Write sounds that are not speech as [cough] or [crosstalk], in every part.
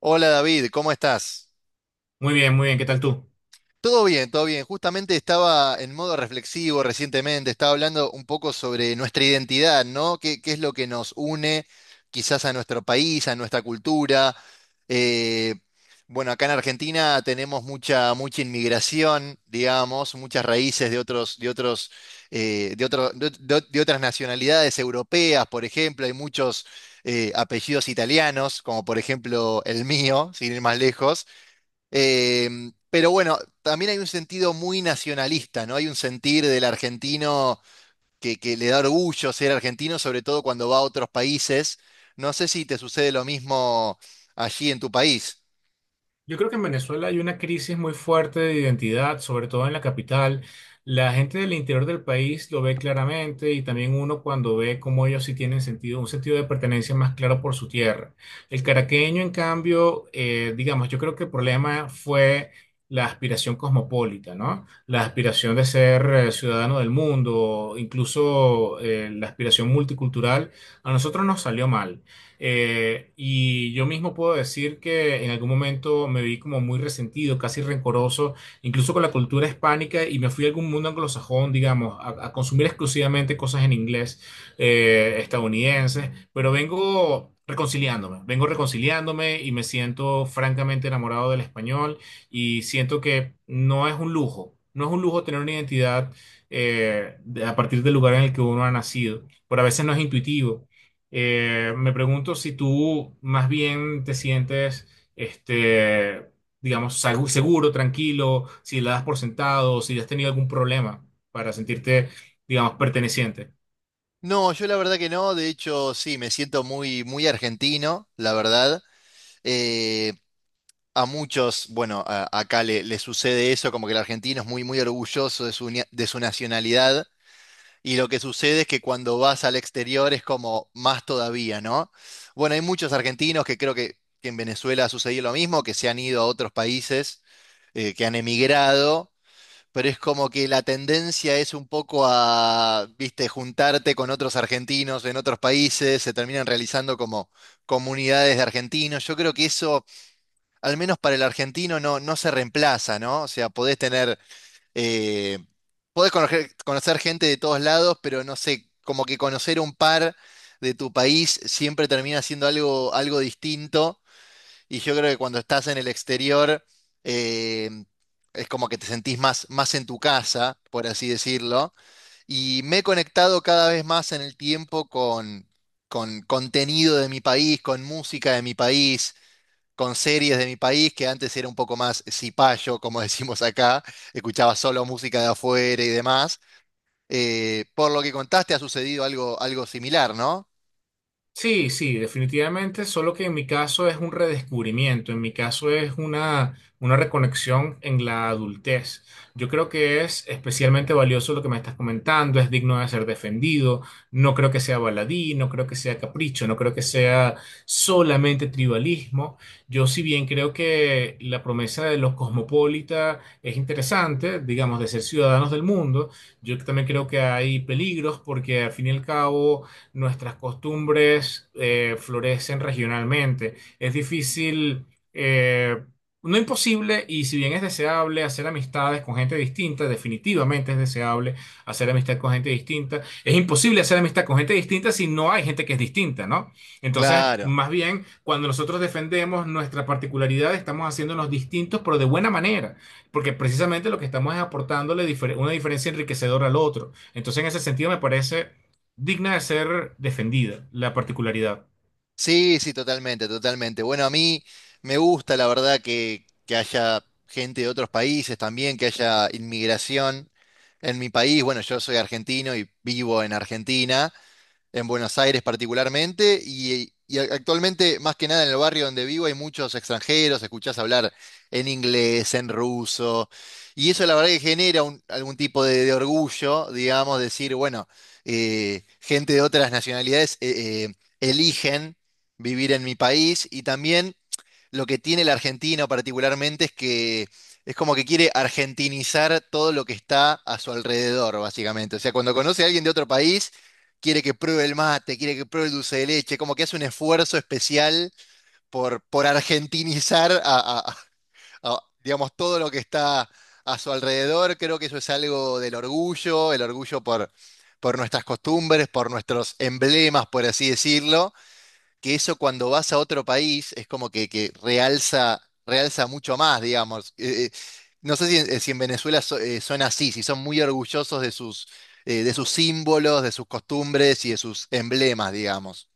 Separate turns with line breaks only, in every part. Hola David, ¿cómo estás?
Muy bien, muy bien. ¿Qué tal tú?
Todo bien, todo bien. Justamente estaba en modo reflexivo recientemente, estaba hablando un poco sobre nuestra identidad, ¿no? ¿Qué es lo que nos une quizás a nuestro país, a nuestra cultura? Eh, bueno, acá en Argentina tenemos mucha inmigración, digamos, muchas raíces de otros, de otros, de otro- de otras nacionalidades europeas, por ejemplo, hay muchos apellidos italianos, como por ejemplo el mío, sin ir más lejos. Eh, pero bueno, también hay un sentido muy nacionalista, ¿no? Hay un sentir del argentino que le da orgullo ser argentino, sobre todo cuando va a otros países. No sé si te sucede lo mismo allí en tu país.
Yo creo que en Venezuela hay una crisis muy fuerte de identidad, sobre todo en la capital. La gente del interior del país lo ve claramente y también uno cuando ve cómo ellos sí tienen sentido, un sentido de pertenencia más claro por su tierra. El caraqueño, en cambio, digamos, yo creo que el problema fue la aspiración cosmopolita, ¿no? La aspiración de ser ciudadano del mundo, incluso la aspiración multicultural, a nosotros nos salió mal. Y yo mismo puedo decir que en algún momento me vi como muy resentido, casi rencoroso, incluso con la cultura hispánica, y me fui a algún mundo anglosajón, digamos, a consumir exclusivamente cosas en inglés, estadounidenses, pero vengo reconciliándome y me siento francamente enamorado del español y siento que no es un lujo, no es un lujo tener una identidad a partir del lugar en el que uno ha nacido, pero a veces no es intuitivo. Me pregunto si tú más bien te sientes, este, digamos, seguro, tranquilo, si la das por sentado, si has tenido algún problema para sentirte, digamos, perteneciente.
No, yo la verdad que no. De hecho, sí, me siento muy argentino, la verdad. Eh, a muchos, bueno, acá le sucede eso, como que el argentino es muy orgulloso de su nacionalidad. Y lo que sucede es que cuando vas al exterior es como más todavía, ¿no? Bueno, hay muchos argentinos que creo que en Venezuela ha sucedido lo mismo, que se han ido a otros países, que han emigrado, pero es como que la tendencia es un poco a, viste, juntarte con otros argentinos en otros países, se terminan realizando como comunidades de argentinos. Yo creo que eso, al menos para el argentino, no se reemplaza, ¿no? O sea, podés tener eh, podés conocer gente de todos lados, pero no sé, como que conocer un par de tu país siempre termina siendo algo distinto. Y yo creo que cuando estás en el exterior, eh, es como que te sentís más en tu casa, por así decirlo. Y me he conectado cada vez más en el tiempo con contenido de mi país, con música de mi país con series de mi país, que antes era un poco más cipayo, como [laughs] decimos acá, escuchaba solo música de afuera y demás. Por lo que contaste, ha sucedido algo similar, ¿no?
Sí, sí, definitivamente, solo que en mi caso es un redescubrimiento, en mi caso es una reconexión en la adultez. Yo creo que es especialmente valioso lo que me estás comentando, es digno de ser defendido, no creo que sea baladí, no creo que sea capricho, no creo que sea solamente tribalismo. Yo, si bien creo que la promesa de los cosmopolitas es interesante, digamos, de ser ciudadanos del mundo, yo también creo que hay peligros porque al fin y al cabo nuestras costumbres florecen regionalmente. Es difícil, eh, no imposible, y si bien es deseable hacer amistades con gente distinta, definitivamente es deseable hacer amistad con gente distinta, es imposible hacer amistad con gente distinta si no hay gente que es distinta, ¿no? Entonces,
Claro.
más bien, cuando nosotros defendemos nuestra particularidad, estamos haciéndonos distintos, pero de buena manera, porque precisamente lo que estamos es una diferencia enriquecedora al otro. Entonces, en ese sentido, me parece digna de ser defendida, la particularidad.
Sí, sí, totalmente, totalmente. Bueno, a mí me gusta, la verdad, que haya gente de otros países también, que haya inmigración en mi país. Bueno, yo soy argentino y vivo en Argentina. En Buenos Aires particularmente, y actualmente más que nada en el barrio donde vivo hay muchos extranjeros, escuchás hablar en inglés, en ruso, y eso la verdad que genera algún tipo de orgullo, digamos, decir, bueno, gente de otras nacionalidades eligen vivir en mi país y también lo que tiene el argentino particularmente es que es como que quiere argentinizar todo lo que está a su alrededor, básicamente. O sea, cuando conoce a alguien de otro país, quiere que pruebe el mate, quiere que pruebe el dulce de leche, como que hace un esfuerzo especial por argentinizar digamos, todo lo que está a su alrededor. Creo que eso es algo del orgullo, el orgullo por nuestras costumbres, por nuestros emblemas, por así decirlo que eso cuando vas a otro país es como que, que realza mucho más, digamos. No sé si, en si en Venezuela son así, si son muy orgullosos de sus símbolos, de sus costumbres y de sus emblemas, digamos.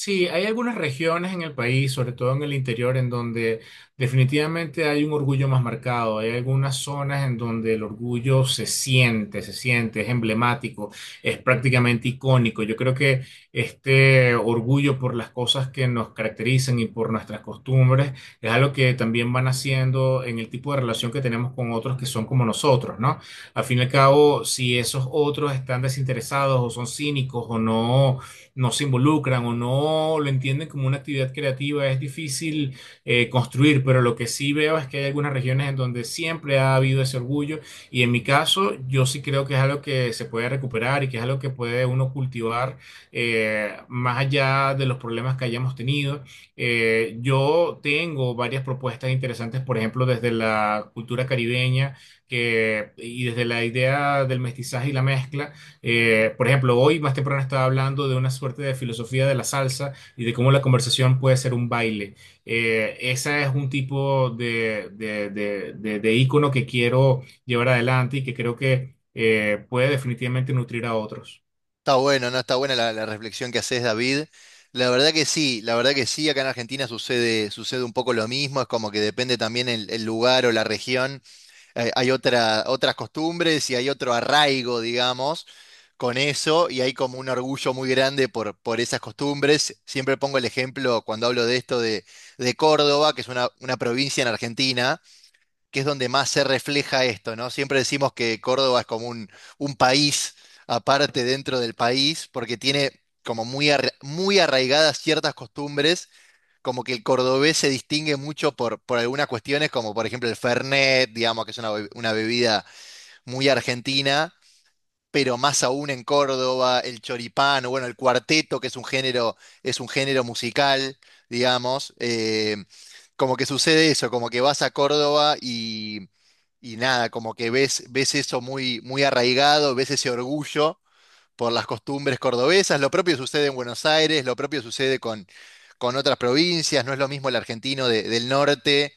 Sí, hay algunas regiones en el país, sobre todo en el interior, en donde definitivamente hay un orgullo más marcado. Hay algunas zonas en donde el orgullo se siente, es emblemático, es prácticamente icónico. Yo creo que este orgullo por las cosas que nos caracterizan y por nuestras costumbres es algo que también van haciendo en el tipo de relación que tenemos con otros que son como nosotros, ¿no? Al fin y al cabo, si esos otros están desinteresados o son cínicos o no se involucran o no lo entienden como una actividad creativa, es difícil construir, pero lo que sí veo es que hay algunas regiones en donde siempre ha habido ese orgullo y en mi caso yo sí creo que es algo que se puede recuperar y que es algo que puede uno cultivar más allá de los problemas que hayamos tenido. Yo tengo varias propuestas interesantes, por ejemplo, desde la cultura caribeña que, y desde la idea del mestizaje y la mezcla, por ejemplo, hoy más temprano estaba hablando de una suerte de filosofía de la salsa y de cómo la conversación puede ser un baile. Ese es un tipo de ícono que quiero llevar adelante y que creo que puede definitivamente nutrir a otros.
Está bueno, ¿no? Está buena la reflexión que haces, David. La verdad que sí, la verdad que sí, acá en Argentina sucede un poco lo mismo, es como que depende también el lugar o la región. Hay otras costumbres y hay otro arraigo, digamos, con eso, y hay como un orgullo muy grande por esas costumbres. Siempre pongo el ejemplo cuando hablo de esto de Córdoba, que es una provincia en Argentina, que es donde más se refleja esto, ¿no? Siempre decimos que Córdoba es como un país aparte dentro del país, porque tiene como muy arraigadas ciertas costumbres como que el cordobés se distingue mucho por algunas cuestiones, como por ejemplo el Fernet, digamos que es una bebida muy argentina, pero más aún en Córdoba, el choripán, o bueno, el cuarteto, que es un género musical, digamos. Como que sucede eso, como que vas a Córdoba y nada, como que ves eso muy arraigado, ves ese orgullo por las costumbres cordobesas. Lo propio sucede en Buenos Aires, lo propio sucede con otras provincias. No es lo mismo el argentino del norte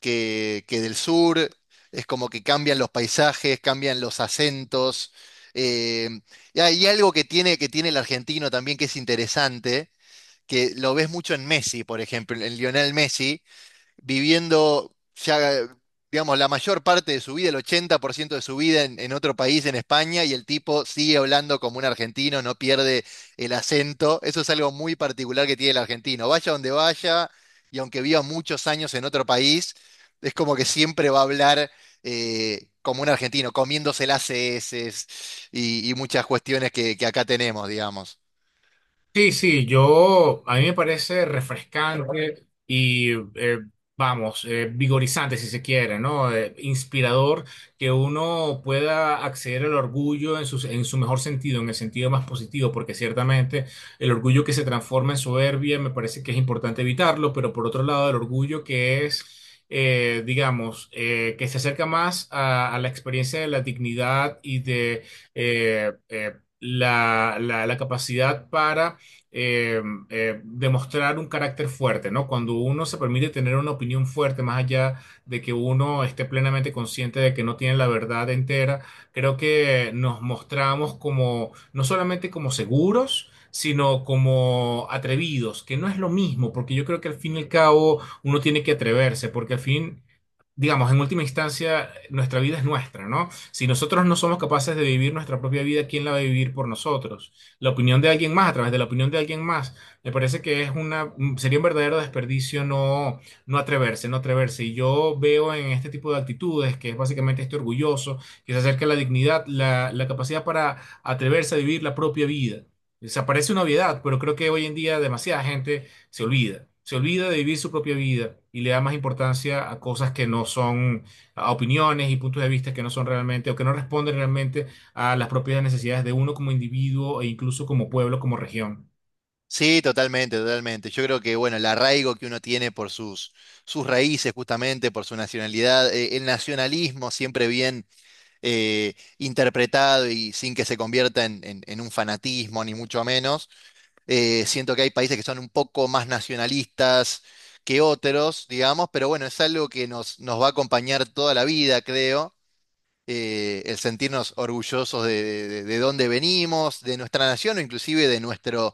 que del sur. Es como que cambian los paisajes, cambian los acentos. Eh, y hay algo que tiene el argentino también que es interesante, que lo ves mucho en Messi, por ejemplo, en Lionel Messi viviendo ya, digamos, la mayor parte de su vida, el 80% de su vida en otro país, en España, y el tipo sigue hablando como un argentino, no pierde el acento. Eso es algo muy particular que tiene el argentino. Vaya donde vaya, y aunque viva muchos años en otro país, es como que siempre va a hablar como un argentino, comiéndose las heces y muchas cuestiones que acá tenemos, digamos.
Sí, sí, yo, a mí me parece refrescante y, vamos, vigorizante si se quiere, ¿no? Inspirador que uno pueda acceder al orgullo en su mejor sentido, en el sentido más positivo, porque ciertamente el orgullo que se transforma en soberbia me parece que es importante evitarlo, pero por otro lado, el orgullo que es, digamos, que se acerca más a la experiencia de la dignidad y de... eh, eh, la capacidad para eh, demostrar un carácter fuerte, ¿no? Cuando uno se permite tener una opinión fuerte, más allá de que uno esté plenamente consciente de que no tiene la verdad entera, creo que nos mostramos como, no solamente como seguros, sino como atrevidos, que no es lo mismo, porque yo creo que al fin y al cabo uno tiene que atreverse, porque al fin, digamos, en última instancia, nuestra vida es nuestra, ¿no? Si nosotros no somos capaces de vivir nuestra propia vida, ¿quién la va a vivir por nosotros? La opinión de alguien más, a través de la opinión de alguien más, me parece que es una, sería un verdadero desperdicio no, no atreverse, no atreverse. Y yo veo en este tipo de actitudes, que es básicamente este orgulloso, que se acerca a la dignidad, la capacidad para atreverse a vivir la propia vida. Se parece una obviedad, pero creo que hoy en día demasiada gente se olvida. Se olvida de vivir su propia vida y le da más importancia a cosas que no son, a opiniones y puntos de vista que no son realmente o que no responden realmente a las propias necesidades de uno como individuo e incluso como pueblo, como región.
Sí, totalmente, totalmente. Yo creo que, bueno, el arraigo que uno tiene por sus, sus raíces, justamente, por su nacionalidad, el nacionalismo siempre bien interpretado y sin que se convierta en un fanatismo, ni mucho menos. Siento que hay países que son un poco más nacionalistas que otros, digamos, pero bueno, es algo que nos va a acompañar toda la vida, creo el sentirnos orgullosos de dónde venimos, de nuestra nación o inclusive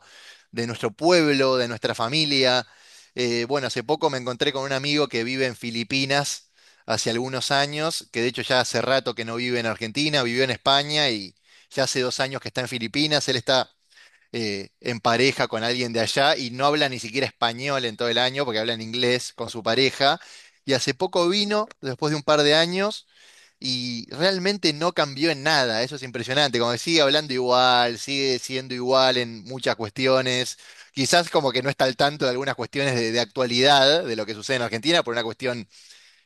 de nuestro pueblo, de nuestra familia. Bueno, hace poco me encontré con un amigo que vive en Filipinas hace algunos años, que de hecho ya hace rato que no vive en Argentina, vivió en España y ya hace 2 años que está en Filipinas. Él está en pareja con alguien de allá y no habla ni siquiera español en todo el año porque habla en inglés con su pareja. Y hace poco vino, después de un par de años, y realmente no cambió en nada, eso es impresionante, como que sigue hablando igual, sigue siendo igual en muchas cuestiones, quizás como que no está al tanto de algunas cuestiones de actualidad, de lo que sucede en Argentina, por una cuestión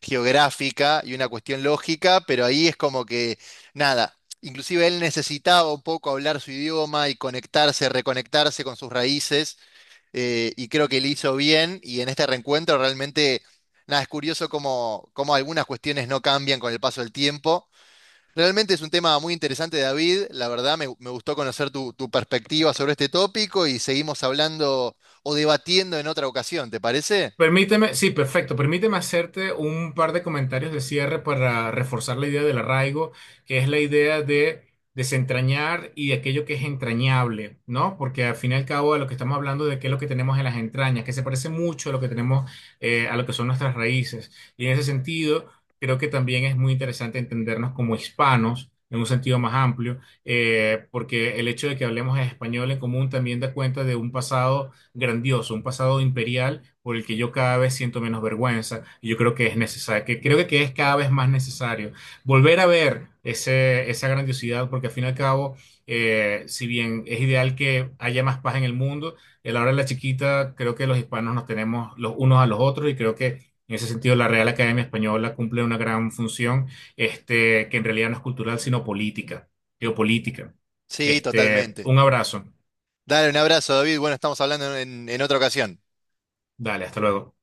geográfica y una cuestión lógica, pero ahí es como que nada, inclusive él necesitaba un poco hablar su idioma y conectarse, reconectarse con sus raíces, y creo que le hizo bien, y en este reencuentro realmente... Nada, es curioso como algunas cuestiones no cambian con el paso del tiempo. Realmente es un tema muy interesante, David. La verdad, me gustó conocer tu, tu perspectiva sobre este tópico y seguimos hablando o debatiendo en otra ocasión, ¿te parece?
Permíteme, sí, perfecto. Permíteme hacerte un par de comentarios de cierre para reforzar la idea del arraigo, que es la idea de desentrañar y de aquello que es entrañable, ¿no? Porque al fin y al cabo de lo que estamos hablando de qué es lo que tenemos en las entrañas, que se parece mucho a lo que tenemos, a lo que son nuestras raíces. Y en ese sentido, creo que también es muy interesante entendernos como hispanos, en un sentido más amplio, porque el hecho de que hablemos español en común también da cuenta de un pasado grandioso, un pasado imperial por el que yo cada vez siento menos vergüenza y yo creo que es necesario, que creo que es cada vez más necesario volver a ver esa grandiosidad porque al fin y al cabo, si bien es ideal que haya más paz en el mundo, a la hora de la chiquita creo que los hispanos nos tenemos los unos a los otros y creo que en ese sentido, la Real Academia Española cumple una gran función, que en realidad no es cultural, sino política, geopolítica.
Sí, totalmente.
Un abrazo.
Dale un abrazo, David. Bueno, estamos hablando en otra ocasión.
Dale, hasta luego.